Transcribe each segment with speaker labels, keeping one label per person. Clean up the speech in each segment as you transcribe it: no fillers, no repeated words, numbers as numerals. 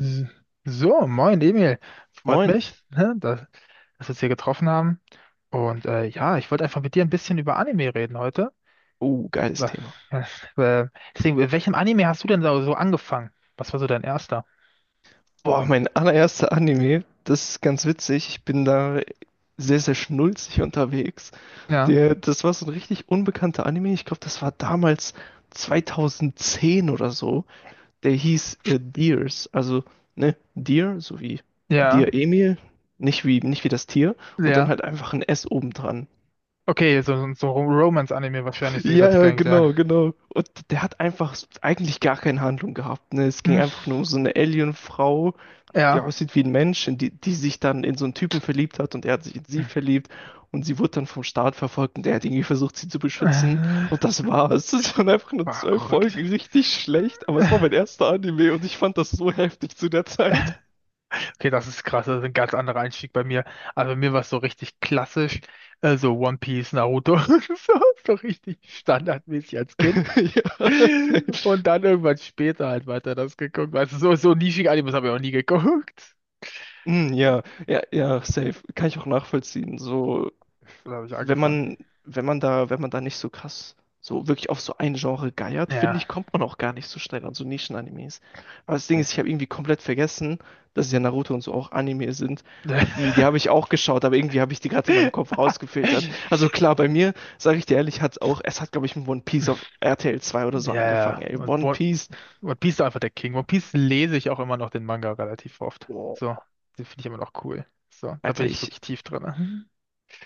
Speaker 1: S- So, moin Emil. Freut
Speaker 2: Moin.
Speaker 1: mich, ne, dass wir uns hier getroffen haben. Und ja, ich wollte einfach mit dir ein bisschen über Anime reden heute.
Speaker 2: Oh, geiles
Speaker 1: Wa-
Speaker 2: Thema.
Speaker 1: ja, Äh, deswegen, mit welchem Anime hast du denn so angefangen? Was war so dein erster?
Speaker 2: Boah, mein allererster Anime, das ist ganz witzig. Ich bin da sehr, sehr schnulzig unterwegs.
Speaker 1: Ja,
Speaker 2: Das war so ein richtig unbekannter Anime. Ich glaube, das war damals 2010 oder so. Der hieß Deers. Also, ne, Dear, so wie
Speaker 1: ja,
Speaker 2: Dear Emil. Nicht wie das Tier. Und dann
Speaker 1: ja.
Speaker 2: halt einfach ein S obendran.
Speaker 1: Okay, so Romance-Anime wahrscheinlich, so wie das
Speaker 2: Ja, ja,
Speaker 1: klingt, ja.
Speaker 2: genau, genau. Und der hat einfach eigentlich gar keine Handlung gehabt. Ne? Es ging
Speaker 1: Hm,
Speaker 2: einfach nur um so eine Alien-Frau, die
Speaker 1: ja.
Speaker 2: aussieht wie ein Mensch, die sich dann in so einen Typen verliebt hat und er hat sich in sie verliebt und sie wurde dann vom Staat verfolgt und der hat irgendwie versucht, sie zu beschützen, und
Speaker 1: Äh,
Speaker 2: das war's. Das waren einfach nur 12 Folgen,
Speaker 1: verrückt.
Speaker 2: richtig schlecht, aber es war mein erster Anime und ich fand das so heftig zu der Zeit.
Speaker 1: Okay, das ist krass, das ist ein ganz anderer Einstieg bei mir. Also bei mir war es so richtig klassisch, so One Piece, Naruto, so, so richtig standardmäßig als Kind.
Speaker 2: Ja, safe.
Speaker 1: Und dann irgendwann später halt weiter das geguckt. Weißt du, so nischige Animes habe ich auch nie geguckt.
Speaker 2: Mm,
Speaker 1: Ja,
Speaker 2: ja, ja, ja, safe. Kann ich auch nachvollziehen. So,
Speaker 1: da habe ich
Speaker 2: wenn
Speaker 1: angefangen.
Speaker 2: man, wenn man da nicht so krass so wirklich auf so ein Genre geiert, finde
Speaker 1: Ja.
Speaker 2: ich, kommt man auch gar nicht so schnell an so Nischen-Animes. Aber das Ding ist, ich habe irgendwie komplett vergessen, dass ja Naruto und so auch Anime sind. Die habe ich auch geschaut, aber irgendwie habe ich die gerade in meinem Kopf rausgefiltert. Also klar, bei mir, sage ich dir ehrlich, es hat, glaube ich, mit One Piece auf RTL 2 oder so
Speaker 1: Ja,
Speaker 2: angefangen,
Speaker 1: ja.
Speaker 2: ey.
Speaker 1: Und
Speaker 2: One
Speaker 1: One,
Speaker 2: Piece.
Speaker 1: One Piece ist einfach der King. One Piece lese ich auch immer noch den Manga relativ oft.
Speaker 2: Boah,
Speaker 1: So, den finde ich immer noch cool. So, da bin
Speaker 2: Alter,
Speaker 1: ich wirklich tief drin.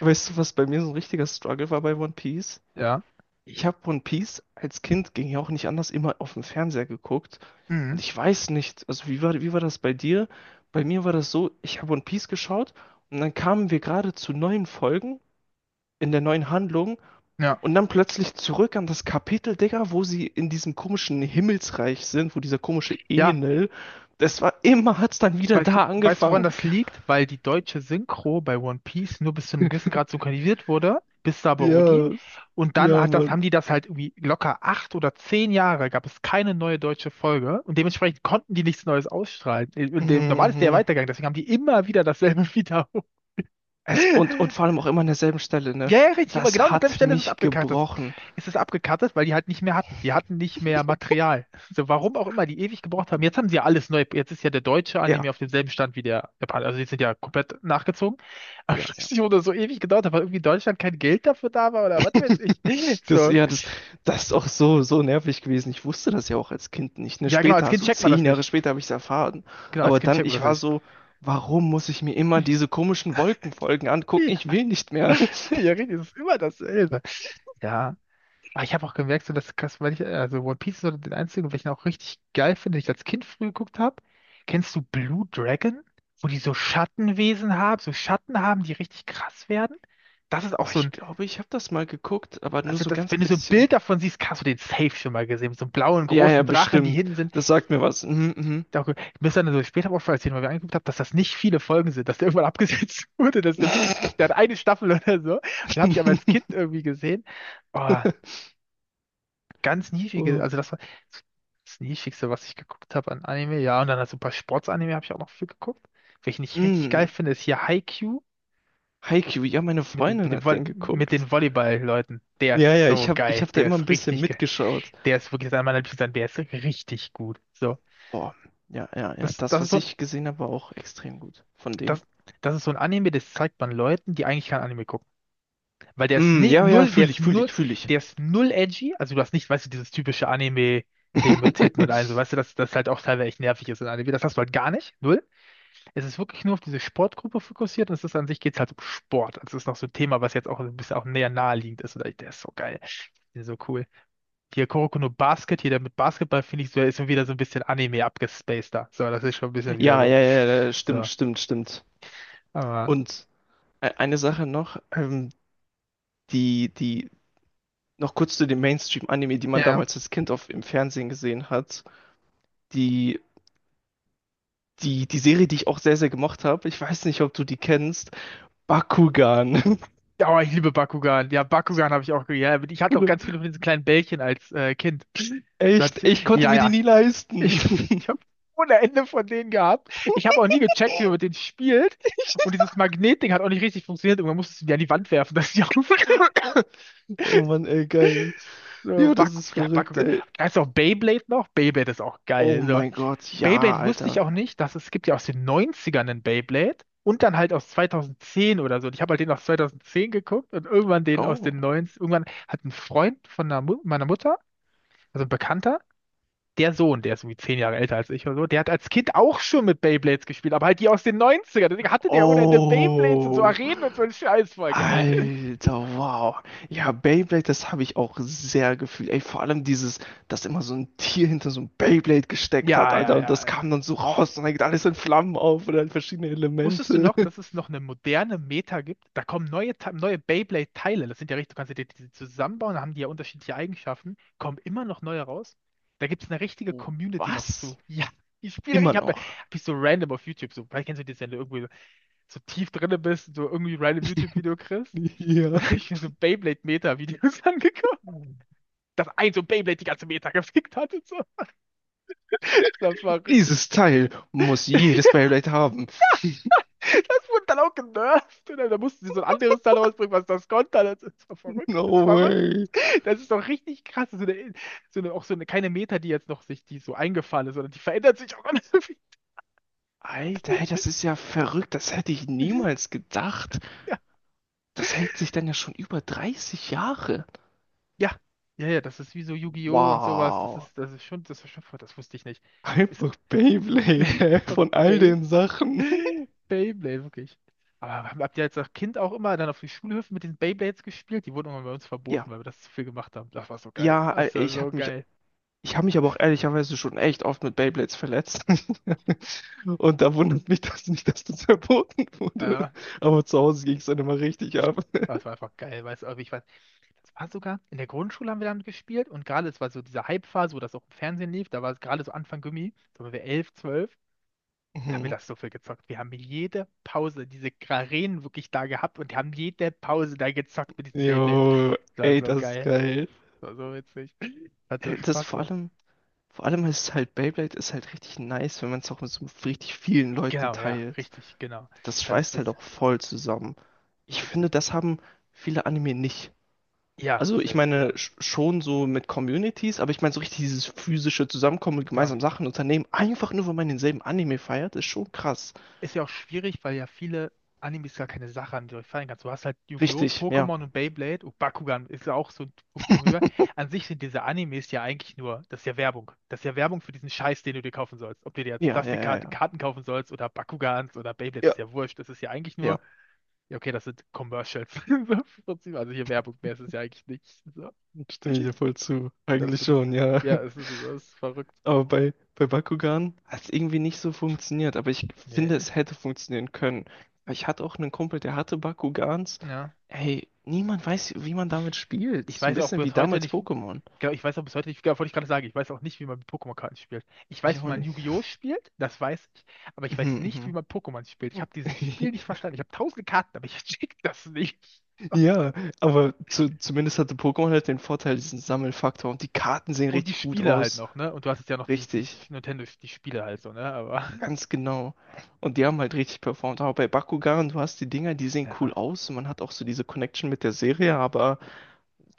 Speaker 2: weißt du, was bei mir so ein richtiger Struggle war bei One Piece?
Speaker 1: Ja.
Speaker 2: Ich habe One Piece als Kind, ging ja auch nicht anders, immer auf dem Fernseher geguckt.
Speaker 1: Mhm.
Speaker 2: Und ich weiß nicht, also wie war das bei dir? Bei mir war das so, ich habe One Piece geschaut und dann kamen wir gerade zu neuen Folgen in der neuen Handlung
Speaker 1: Ja.
Speaker 2: und dann plötzlich zurück an das Kapitel, Digga, wo sie in diesem komischen Himmelsreich sind, wo dieser komische
Speaker 1: Ja,
Speaker 2: Enel, hat's dann wieder
Speaker 1: weil,
Speaker 2: da
Speaker 1: weißt du, woran
Speaker 2: angefangen.
Speaker 1: das liegt? Weil die deutsche Synchro bei One Piece nur bis zu einem gewissen Grad synchronisiert wurde, bis Sabaody.
Speaker 2: Yes,
Speaker 1: Und dann
Speaker 2: ja,
Speaker 1: hat das,
Speaker 2: Mann.
Speaker 1: haben die das halt irgendwie locker 8 oder 10 Jahre, gab es keine neue deutsche Folge. Und dementsprechend konnten die nichts Neues ausstrahlen.
Speaker 2: Mhm.
Speaker 1: Normal ist der
Speaker 2: Mhm.
Speaker 1: Weitergang, deswegen haben die immer wieder dasselbe wiederholt.
Speaker 2: Und vor allem auch immer an derselben Stelle, ne?
Speaker 1: Ja, ja, richtig, immer genau
Speaker 2: Das
Speaker 1: an derselben
Speaker 2: hat
Speaker 1: Stelle ist es
Speaker 2: mich
Speaker 1: abgekattet.
Speaker 2: gebrochen.
Speaker 1: Es ist abgekattet, weil die halt nicht mehr hatten. Die hatten nicht mehr Material. So, warum auch immer, die ewig gebraucht haben. Jetzt haben sie ja alles neu. Jetzt ist ja der deutsche
Speaker 2: Ja,
Speaker 1: Anime auf demselben Stand wie der Japaner. Also die sind ja komplett nachgezogen. Aber ich
Speaker 2: ja,
Speaker 1: weiß
Speaker 2: ja.
Speaker 1: nicht, wo das so ewig gedauert hat, weil irgendwie in Deutschland kein Geld dafür da war oder was weiß ich. So.
Speaker 2: Ja, das ist auch so, so nervig gewesen. Ich wusste das ja auch als Kind nicht. Ne?
Speaker 1: Ja, genau, als
Speaker 2: Später,
Speaker 1: Kind
Speaker 2: so
Speaker 1: checkt man das
Speaker 2: 10 Jahre
Speaker 1: nicht.
Speaker 2: später habe ich es erfahren.
Speaker 1: Genau, als
Speaker 2: Aber
Speaker 1: Kind
Speaker 2: dann,
Speaker 1: checkt man
Speaker 2: ich
Speaker 1: das
Speaker 2: war
Speaker 1: nicht.
Speaker 2: so, warum muss ich mir immer diese komischen Wolkenfolgen angucken? Ich will nicht mehr.
Speaker 1: Ja, richtig, es ist immer dasselbe. Ja. Aber ich habe auch gemerkt, so dass krass, weil ich, also One Piece ist so den einzigen, welchen ich auch richtig geil finde, den ich als Kind früh geguckt habe. Kennst du Blue Dragon? Wo die so Schattenwesen haben, so Schatten haben, die richtig krass werden? Das ist auch
Speaker 2: Aber
Speaker 1: so
Speaker 2: ich
Speaker 1: ein,
Speaker 2: glaube, ich habe das mal geguckt, aber nur
Speaker 1: also
Speaker 2: so
Speaker 1: das,
Speaker 2: ganz
Speaker 1: wenn du so ein
Speaker 2: bisschen.
Speaker 1: Bild davon siehst, hast du den safe schon mal gesehen, mit so einem blauen
Speaker 2: Ja, ja,
Speaker 1: großen Drachen, die
Speaker 2: bestimmt.
Speaker 1: hinten sind.
Speaker 2: Das sagt mir was. Mhm,
Speaker 1: Ich dachte, mir ist dann so später auch erzählen, weil wir angeguckt haben, dass das nicht viele Folgen sind, dass der irgendwann abgesetzt wurde, dass der wirklich
Speaker 2: mhm.
Speaker 1: nicht, der hat eine Staffel oder so. Das habe ich aber als Kind irgendwie gesehen. Oh. Ganz niedrige,
Speaker 2: Oh.
Speaker 1: also das war das niedrigste, was ich geguckt habe an Anime. Ja, und dann halt so ein paar Sportsanime habe ich auch noch viel geguckt. Welchen ich richtig geil
Speaker 2: Mm.
Speaker 1: finde, ist hier Haikyuu
Speaker 2: Haikyuu, ja, meine
Speaker 1: mit dem, mit
Speaker 2: Freundin
Speaker 1: dem
Speaker 2: hat
Speaker 1: Volley-
Speaker 2: den
Speaker 1: mit
Speaker 2: geguckt.
Speaker 1: den Volleyball-Leuten. Der
Speaker 2: Ja,
Speaker 1: ist
Speaker 2: ja, ich
Speaker 1: so
Speaker 2: habe ich
Speaker 1: geil.
Speaker 2: hab da
Speaker 1: Der
Speaker 2: immer ein
Speaker 1: ist
Speaker 2: bisschen
Speaker 1: richtig geil.
Speaker 2: mitgeschaut.
Speaker 1: Der ist wirklich einer meiner Lieblings, der ist richtig gut. So.
Speaker 2: Boah, ja, ja, ja.
Speaker 1: Das,
Speaker 2: Das,
Speaker 1: das ist
Speaker 2: was
Speaker 1: so ein,
Speaker 2: ich gesehen habe, war auch extrem gut von dem.
Speaker 1: das, das ist so ein Anime, das zeigt man Leuten, die eigentlich kein Anime gucken. Weil der ist
Speaker 2: Mm,
Speaker 1: ne,
Speaker 2: ja, ja,
Speaker 1: null, der
Speaker 2: fühle
Speaker 1: ist
Speaker 2: ich, fühle
Speaker 1: null,
Speaker 2: ich, fühle ich.
Speaker 1: der ist null edgy. Also du hast nicht, weißt du, dieses typische Anime-Ding mit Titten und allem, so weißt du, dass das halt auch teilweise echt nervig ist in Anime. Das hast du halt gar nicht. Null. Es ist wirklich nur auf diese Sportgruppe fokussiert und es ist an sich geht's halt um Sport. Also es ist noch so ein Thema, was jetzt auch ein bisschen auch näher naheliegend ist. Der ist so geil. Der ist so cool. Hier Kuroko no Basket, hier der mit Basketball, finde ich, so, ist schon wieder so ein bisschen Anime abgespaceder. So, das ist schon ein bisschen wieder
Speaker 2: Ja,
Speaker 1: so.
Speaker 2: ja, ja, ja, stimmt,
Speaker 1: So.
Speaker 2: stimmt, stimmt.
Speaker 1: Aber.
Speaker 2: Und eine Sache noch, die, die, noch kurz zu dem Mainstream-Anime, die man
Speaker 1: Ja.
Speaker 2: damals als Kind im Fernsehen gesehen hat. Die, die Serie, die ich auch sehr, sehr gemocht habe, ich weiß nicht, ob du die kennst, Bakugan.
Speaker 1: Ja, oh, ich liebe Bakugan. Ja, Bakugan habe ich auch. Ja, ich hatte auch ganz viele von diesen kleinen Bällchen als Kind. Da
Speaker 2: Echt,
Speaker 1: hatte
Speaker 2: ich
Speaker 1: ich,
Speaker 2: konnte
Speaker 1: ja,
Speaker 2: mir die
Speaker 1: ja.
Speaker 2: nie leisten.
Speaker 1: Ich, ich habe ohne Ende von denen gehabt. Ich habe auch nie gecheckt, wie man mit denen spielt. Und dieses Magnetding hat auch nicht richtig funktioniert. Irgendwann musstest du die an die Wand werfen, dass sie aufgeht.
Speaker 2: Oh Mann, ey, geil.
Speaker 1: So,
Speaker 2: Ja, das ist verrückt,
Speaker 1: Bakugan.
Speaker 2: ey.
Speaker 1: Da ist auch Beyblade noch. Beyblade ist auch
Speaker 2: Oh
Speaker 1: geil. So.
Speaker 2: mein Gott, ja,
Speaker 1: Beyblade wusste ich
Speaker 2: Alter.
Speaker 1: auch nicht, dass es gibt ja aus den Neunzigern einen Beyblade und dann halt aus 2010 oder so. Und ich habe halt den aus 2010 geguckt und irgendwann den aus
Speaker 2: Oh.
Speaker 1: den 90 Irgendwann hat ein Freund von einer Mu meiner Mutter, also ein Bekannter, der Sohn, der ist irgendwie 10 Jahre älter als ich oder so, der hat als Kind auch schon mit Beyblades gespielt, aber halt die aus den Neunzigern. Ern Deswegen hatte der ohne Ende Beyblades und so
Speaker 2: Oh.
Speaker 1: Arenen und so ein Scheiß, voll geil.
Speaker 2: Alter, wow. Ja, Beyblade, das habe ich auch sehr gefühlt. Ey, vor allem dieses, dass immer so ein Tier hinter so ein Beyblade gesteckt hat,
Speaker 1: Ja, ja,
Speaker 2: Alter. Und
Speaker 1: ja,
Speaker 2: das kam
Speaker 1: ja.
Speaker 2: dann so raus und dann geht alles in Flammen auf oder halt verschiedene
Speaker 1: Wusstest du
Speaker 2: Elemente.
Speaker 1: noch, dass es noch eine moderne Meta gibt? Da kommen neue Beyblade-Teile. Das sind ja richtig, du kannst ja die zusammenbauen, da haben die ja unterschiedliche Eigenschaften. Kommen immer noch neue raus. Da gibt es eine richtige Community noch zu.
Speaker 2: Was?
Speaker 1: Ja, ich spiele,
Speaker 2: Immer
Speaker 1: ich habe
Speaker 2: noch.
Speaker 1: hab ich so random auf YouTube, so, vielleicht kennst du das, wenn du irgendwie so tief drinne bist, und so irgendwie random YouTube-Video kriegst. Und da habe ich mir so Beyblade-Meta-Videos angeguckt.
Speaker 2: Ja.
Speaker 1: Dass ein so Beyblade die ganze Meta gefickt hat und so. Ist doch verrückt.
Speaker 2: Dieses Teil muss jedes Beyblade haben.
Speaker 1: Das wurde dann auch genervt. Und dann, da mussten sie so ein anderes Teil rausbringen, was das konnte. Das ist so
Speaker 2: No
Speaker 1: verrückt.
Speaker 2: way.
Speaker 1: Das ist doch richtig krass. Auch so eine, keine Meta, die jetzt noch sich, die so eingefallen ist, sondern die verändert sich auch ganz viel.
Speaker 2: Alter, ey, das ist ja verrückt. Das hätte ich niemals gedacht.
Speaker 1: Ja,
Speaker 2: Das hält sich dann ja schon über 30 Jahre.
Speaker 1: ja, ja, ja, das ist wie so Yu-Gi-Oh! Und sowas.
Speaker 2: Wow.
Speaker 1: Das ist schon, voll- Das wusste ich nicht. Ist,
Speaker 2: Einfach Beyblade, ey,
Speaker 1: von
Speaker 2: von all
Speaker 1: Bey,
Speaker 2: den Sachen.
Speaker 1: Beyblade, wirklich. Aber habt ihr als Kind auch immer dann auf den Schulhöfen mit den Beyblades gespielt? Die wurden immer bei uns
Speaker 2: Ja,
Speaker 1: verboten, weil wir das zu viel gemacht haben. Das war so geil.
Speaker 2: ja,
Speaker 1: Das war
Speaker 2: ich
Speaker 1: so
Speaker 2: habe mich,
Speaker 1: geil.
Speaker 2: ich habe mich aber auch ehrlicherweise schon echt oft mit Beyblades verletzt. Und da wundert mich das nicht, dass das verboten wurde.
Speaker 1: Ja.
Speaker 2: Aber zu Hause ging es dann immer richtig ab.
Speaker 1: Aber es war einfach geil, weißt du, aber ich weiß, das war sogar, in der Grundschule haben wir damit gespielt und gerade, es war so diese Hype-Phase, wo das auch im Fernsehen lief, da war es gerade so Anfang Gummi, da waren wir 11 12 da haben wir
Speaker 2: Mhm.
Speaker 1: das so viel gezockt. Wir haben jede Pause diese Arenen wirklich da gehabt und haben jede Pause da gezockt mit diesen Beyblades.
Speaker 2: Jo,
Speaker 1: Das war
Speaker 2: ey,
Speaker 1: so
Speaker 2: das ist
Speaker 1: geil,
Speaker 2: geil.
Speaker 1: das war so witzig, das hat so
Speaker 2: Ey,
Speaker 1: Spaß gemacht.
Speaker 2: vor allem ist halt, Beyblade ist halt richtig nice, wenn man es auch mit so richtig vielen Leuten
Speaker 1: Genau, ja,
Speaker 2: teilt.
Speaker 1: richtig, genau.
Speaker 2: Das
Speaker 1: Dann ist
Speaker 2: schweißt halt
Speaker 1: witz,
Speaker 2: auch voll zusammen. Ich
Speaker 1: witzig.
Speaker 2: finde, das haben viele Anime nicht.
Speaker 1: Ja,
Speaker 2: Also ich
Speaker 1: safe,
Speaker 2: meine
Speaker 1: ja,
Speaker 2: schon so mit Communities, aber ich meine so richtig dieses physische Zusammenkommen und
Speaker 1: genau.
Speaker 2: gemeinsam Sachen unternehmen, einfach nur weil man denselben Anime feiert, ist schon krass.
Speaker 1: Ist ja auch schwierig, weil ja viele Animes gar keine Sache an die du fallen kannst. Du hast halt Yu-Gi-Oh!,
Speaker 2: Richtig, ja.
Speaker 1: Pokémon und Beyblade und Bakugan ist ja auch so ein Punkt von rüber. An sich sind diese Animes ja eigentlich nur, das ist ja Werbung. Das ist ja Werbung für diesen Scheiß, den du dir kaufen sollst. Ob du dir jetzt
Speaker 2: Ja, ja, ja, ja.
Speaker 1: Plastikkarten kaufen sollst oder Bakugans oder Beyblades,
Speaker 2: Ja,
Speaker 1: ist ja wurscht. Das ist ja eigentlich
Speaker 2: ja.
Speaker 1: nur, ja okay, das sind Commercials. So, im Prinzip. Also hier Werbung mehr ist es ja eigentlich nicht. So.
Speaker 2: Stimme ich dir voll zu.
Speaker 1: Das
Speaker 2: Eigentlich
Speaker 1: würde ich,
Speaker 2: schon, ja.
Speaker 1: ja, es ist verrückt.
Speaker 2: Aber bei Bakugan hat es irgendwie nicht so funktioniert. Aber ich
Speaker 1: Nee.
Speaker 2: finde, es hätte funktionieren können. Weil ich hatte auch einen Kumpel, der hatte Bakugans.
Speaker 1: Ja.
Speaker 2: Ey, niemand weiß, wie man damit spielt.
Speaker 1: Ich
Speaker 2: So ein
Speaker 1: weiß auch
Speaker 2: bisschen wie
Speaker 1: bis heute
Speaker 2: damals
Speaker 1: nicht, wie-
Speaker 2: Pokémon.
Speaker 1: genau, ich weiß auch bis heute nicht, genau, wollte ich gerade sagen, ich weiß auch nicht, wie man mit Pokémon-Karten spielt. Ich
Speaker 2: Ich
Speaker 1: weiß, wie
Speaker 2: auch
Speaker 1: man
Speaker 2: nicht.
Speaker 1: Yu-Gi-Oh! Spielt, das weiß ich, aber ich weiß nicht, wie
Speaker 2: Mhm,
Speaker 1: man Pokémon spielt.
Speaker 2: mhm.
Speaker 1: Ich habe dieses Spiel nicht verstanden. Ich habe tausende Karten, aber ich check das nicht.
Speaker 2: Ja, aber zumindest hatte Pokémon halt den Vorteil, diesen Sammelfaktor. Und die Karten sehen
Speaker 1: Und die
Speaker 2: richtig gut
Speaker 1: Spiele halt
Speaker 2: aus.
Speaker 1: noch, ne? Und du hast jetzt ja noch die
Speaker 2: Richtig,
Speaker 1: Nintendo, die Spiele halt so, ne? Aber
Speaker 2: ganz genau. Und die haben halt richtig performt. Aber bei Bakugan, du hast die Dinger, die sehen cool
Speaker 1: ja,
Speaker 2: aus. Und man hat auch so diese Connection mit der Serie, aber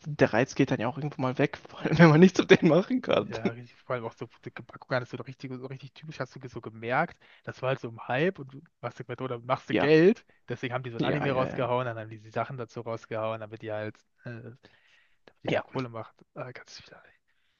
Speaker 2: der Reiz geht dann ja auch irgendwo mal weg, vor allem
Speaker 1: ist
Speaker 2: wenn
Speaker 1: auch
Speaker 2: man
Speaker 1: richtig.
Speaker 2: nichts mit denen machen kann.
Speaker 1: Ja, richtig, vor allem auch so dicke Packung hattest du doch richtig, so richtig typisch, hast du so gemerkt, das war halt so im Hype und du machst du oder machst du
Speaker 2: Ja,
Speaker 1: Geld, deswegen haben die so ein
Speaker 2: ja,
Speaker 1: Anime
Speaker 2: ja, ja.
Speaker 1: rausgehauen, dann haben die die Sachen dazu rausgehauen, damit die halt, damit die da
Speaker 2: Ja,
Speaker 1: Kohle macht. Ganz viel.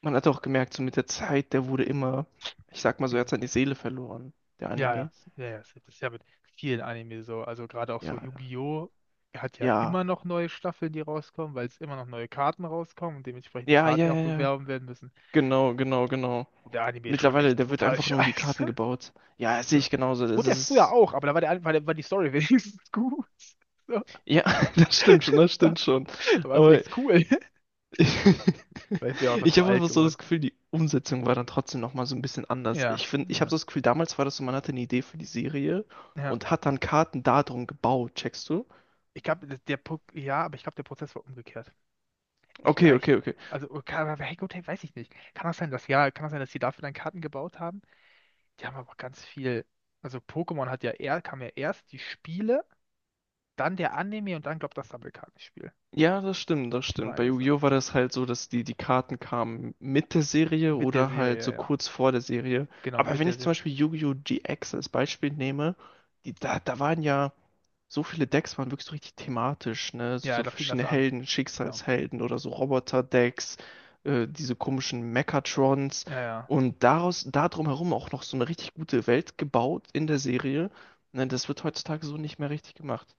Speaker 2: man hat auch gemerkt, so mit der Zeit, der wurde immer, ich sag mal so,
Speaker 1: Mhm.
Speaker 2: er hat seine Seele verloren, der
Speaker 1: Ja, ja,
Speaker 2: Anime.
Speaker 1: ja, ja, das ist ja mit vielen Anime so, also gerade auch
Speaker 2: Ja,
Speaker 1: so Yu-Gi-Oh! Hat ja
Speaker 2: ja,
Speaker 1: immer noch neue Staffeln, die rauskommen, weil es immer noch neue Karten rauskommen und dementsprechend die
Speaker 2: ja,
Speaker 1: Karten
Speaker 2: ja,
Speaker 1: ja auch
Speaker 2: ja, ja.
Speaker 1: bewerben werden müssen.
Speaker 2: Genau, genau, genau.
Speaker 1: Und der Anime ist schon
Speaker 2: Mittlerweile,
Speaker 1: echt
Speaker 2: der wird
Speaker 1: brutal
Speaker 2: einfach nur um die Karten
Speaker 1: scheiße.
Speaker 2: gebaut. Ja, das sehe
Speaker 1: So.
Speaker 2: ich genauso. Das
Speaker 1: Wurde er früher
Speaker 2: ist,
Speaker 1: auch, aber da war die Story wenigstens gut. So.
Speaker 2: ja, das stimmt schon, das stimmt schon.
Speaker 1: Da war es
Speaker 2: Aber
Speaker 1: wenigstens cool. Weil ich bin ja einfach
Speaker 2: ich
Speaker 1: zu
Speaker 2: habe
Speaker 1: alt
Speaker 2: einfach so
Speaker 1: geworden.
Speaker 2: das Gefühl, die Umsetzung war dann trotzdem nochmal so ein bisschen anders.
Speaker 1: Ja,
Speaker 2: Ich finde, ich habe
Speaker 1: ja,
Speaker 2: so das Gefühl, damals war das so, man hatte eine Idee für die Serie
Speaker 1: ja.
Speaker 2: und hat dann Karten darum gebaut, checkst du?
Speaker 1: Ich glaube, der Prozess war umgekehrt. Ich,
Speaker 2: Okay,
Speaker 1: ich
Speaker 2: okay, okay.
Speaker 1: also, kann, hey, gut, hey, weiß ich nicht. Kann das sein, dass die dafür dann Karten gebaut haben? Die haben aber ganz viel. Also Pokémon hat ja eher, kam ja erst die Spiele, dann der Anime und dann, glaube das Sammelkartenspiel.
Speaker 2: Ja, das stimmt, das
Speaker 1: Ich
Speaker 2: stimmt. Bei
Speaker 1: meine so.
Speaker 2: Yu-Gi-Oh! War das halt so, dass die Karten kamen mit der Serie
Speaker 1: Mit der
Speaker 2: oder halt
Speaker 1: Serie, ja.
Speaker 2: so
Speaker 1: Ja.
Speaker 2: kurz vor der Serie.
Speaker 1: Genau,
Speaker 2: Aber
Speaker 1: mit
Speaker 2: wenn
Speaker 1: der
Speaker 2: ich zum
Speaker 1: Serie.
Speaker 2: Beispiel Yu-Gi-Oh! GX als Beispiel nehme, da waren ja. So viele Decks waren wirklich so richtig thematisch, ne? So
Speaker 1: Ja,
Speaker 2: so
Speaker 1: da fing das
Speaker 2: verschiedene
Speaker 1: an.
Speaker 2: Helden,
Speaker 1: Genau.
Speaker 2: Schicksalshelden oder so Roboter-Decks, diese komischen Mechatrons
Speaker 1: Ja, ja.
Speaker 2: und da drumherum auch noch so eine richtig gute Welt gebaut in der Serie. Ne? Das wird heutzutage so nicht mehr richtig gemacht.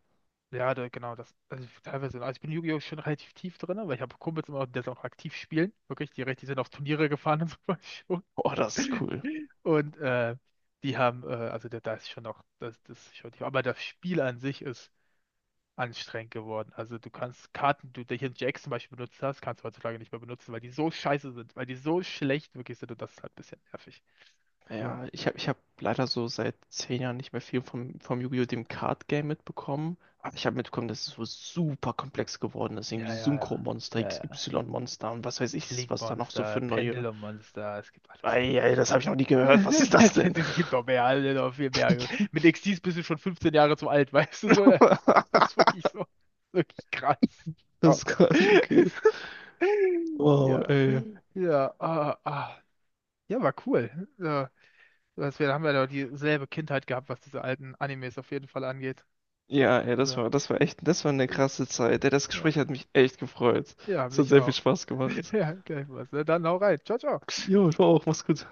Speaker 1: Ja, genau, also ich- teilweise, also ich bin in Yu-Gi-Oh! Schon relativ tief drin, ne, weil ich habe Kumpels immer, die das auch aktiv spielen, wirklich, die sind auf Turniere gefahren und sowas schon.
Speaker 2: Oh, das ist cool.
Speaker 1: Und also da ist schon noch, das ist schon tief, aber das Spiel an sich ist anstrengend geworden. Also du kannst Karten, die du hier in Jax zum Beispiel benutzt hast, kannst du heutzutage nicht mehr benutzen, weil die so scheiße sind, weil die so schlecht wirklich sind und das ist halt ein bisschen nervig. Ja,
Speaker 2: Ja, ich hab leider so seit 10 Jahren nicht mehr viel vom Yu-Gi-Oh! Dem Card Game mitbekommen. Aber ich habe mitbekommen, dass es so super komplex geworden ist. Irgendwie
Speaker 1: ja, ja, ja,
Speaker 2: Synchro-Monster,
Speaker 1: ja,
Speaker 2: x
Speaker 1: ja.
Speaker 2: y monster und was weiß ich, was da noch so
Speaker 1: Link-Monster,
Speaker 2: für neue.
Speaker 1: Pendulum-Monster, es gibt alles
Speaker 2: Ei, ei,
Speaker 1: mögliche.
Speaker 2: das habe ich noch nie gehört. Was ist das denn?
Speaker 1: Es gibt doch mehr, also noch viel mehr. Mit Xyz bist du schon 15 Jahre zu alt, weißt du so? Das ist wirklich so, wirklich krass.
Speaker 2: Das
Speaker 1: Ja,
Speaker 2: ist krass, okay. Wow,
Speaker 1: ja,
Speaker 2: ey.
Speaker 1: ja, ah, ah. Ja, war cool. Ja, was wir da haben wir doch dieselbe Kindheit gehabt, was diese alten Animes auf jeden Fall angeht.
Speaker 2: Ja, ey,
Speaker 1: So.
Speaker 2: das war echt, das war eine krasse Zeit. Ey, das
Speaker 1: Ja,
Speaker 2: Gespräch hat mich echt gefreut.
Speaker 1: ja,
Speaker 2: Es hat
Speaker 1: mich
Speaker 2: sehr viel
Speaker 1: auch.
Speaker 2: Spaß gemacht.
Speaker 1: Ja, gleich was. Ne? Dann hau rein. Ciao, ciao.
Speaker 2: Jo, mach's gut.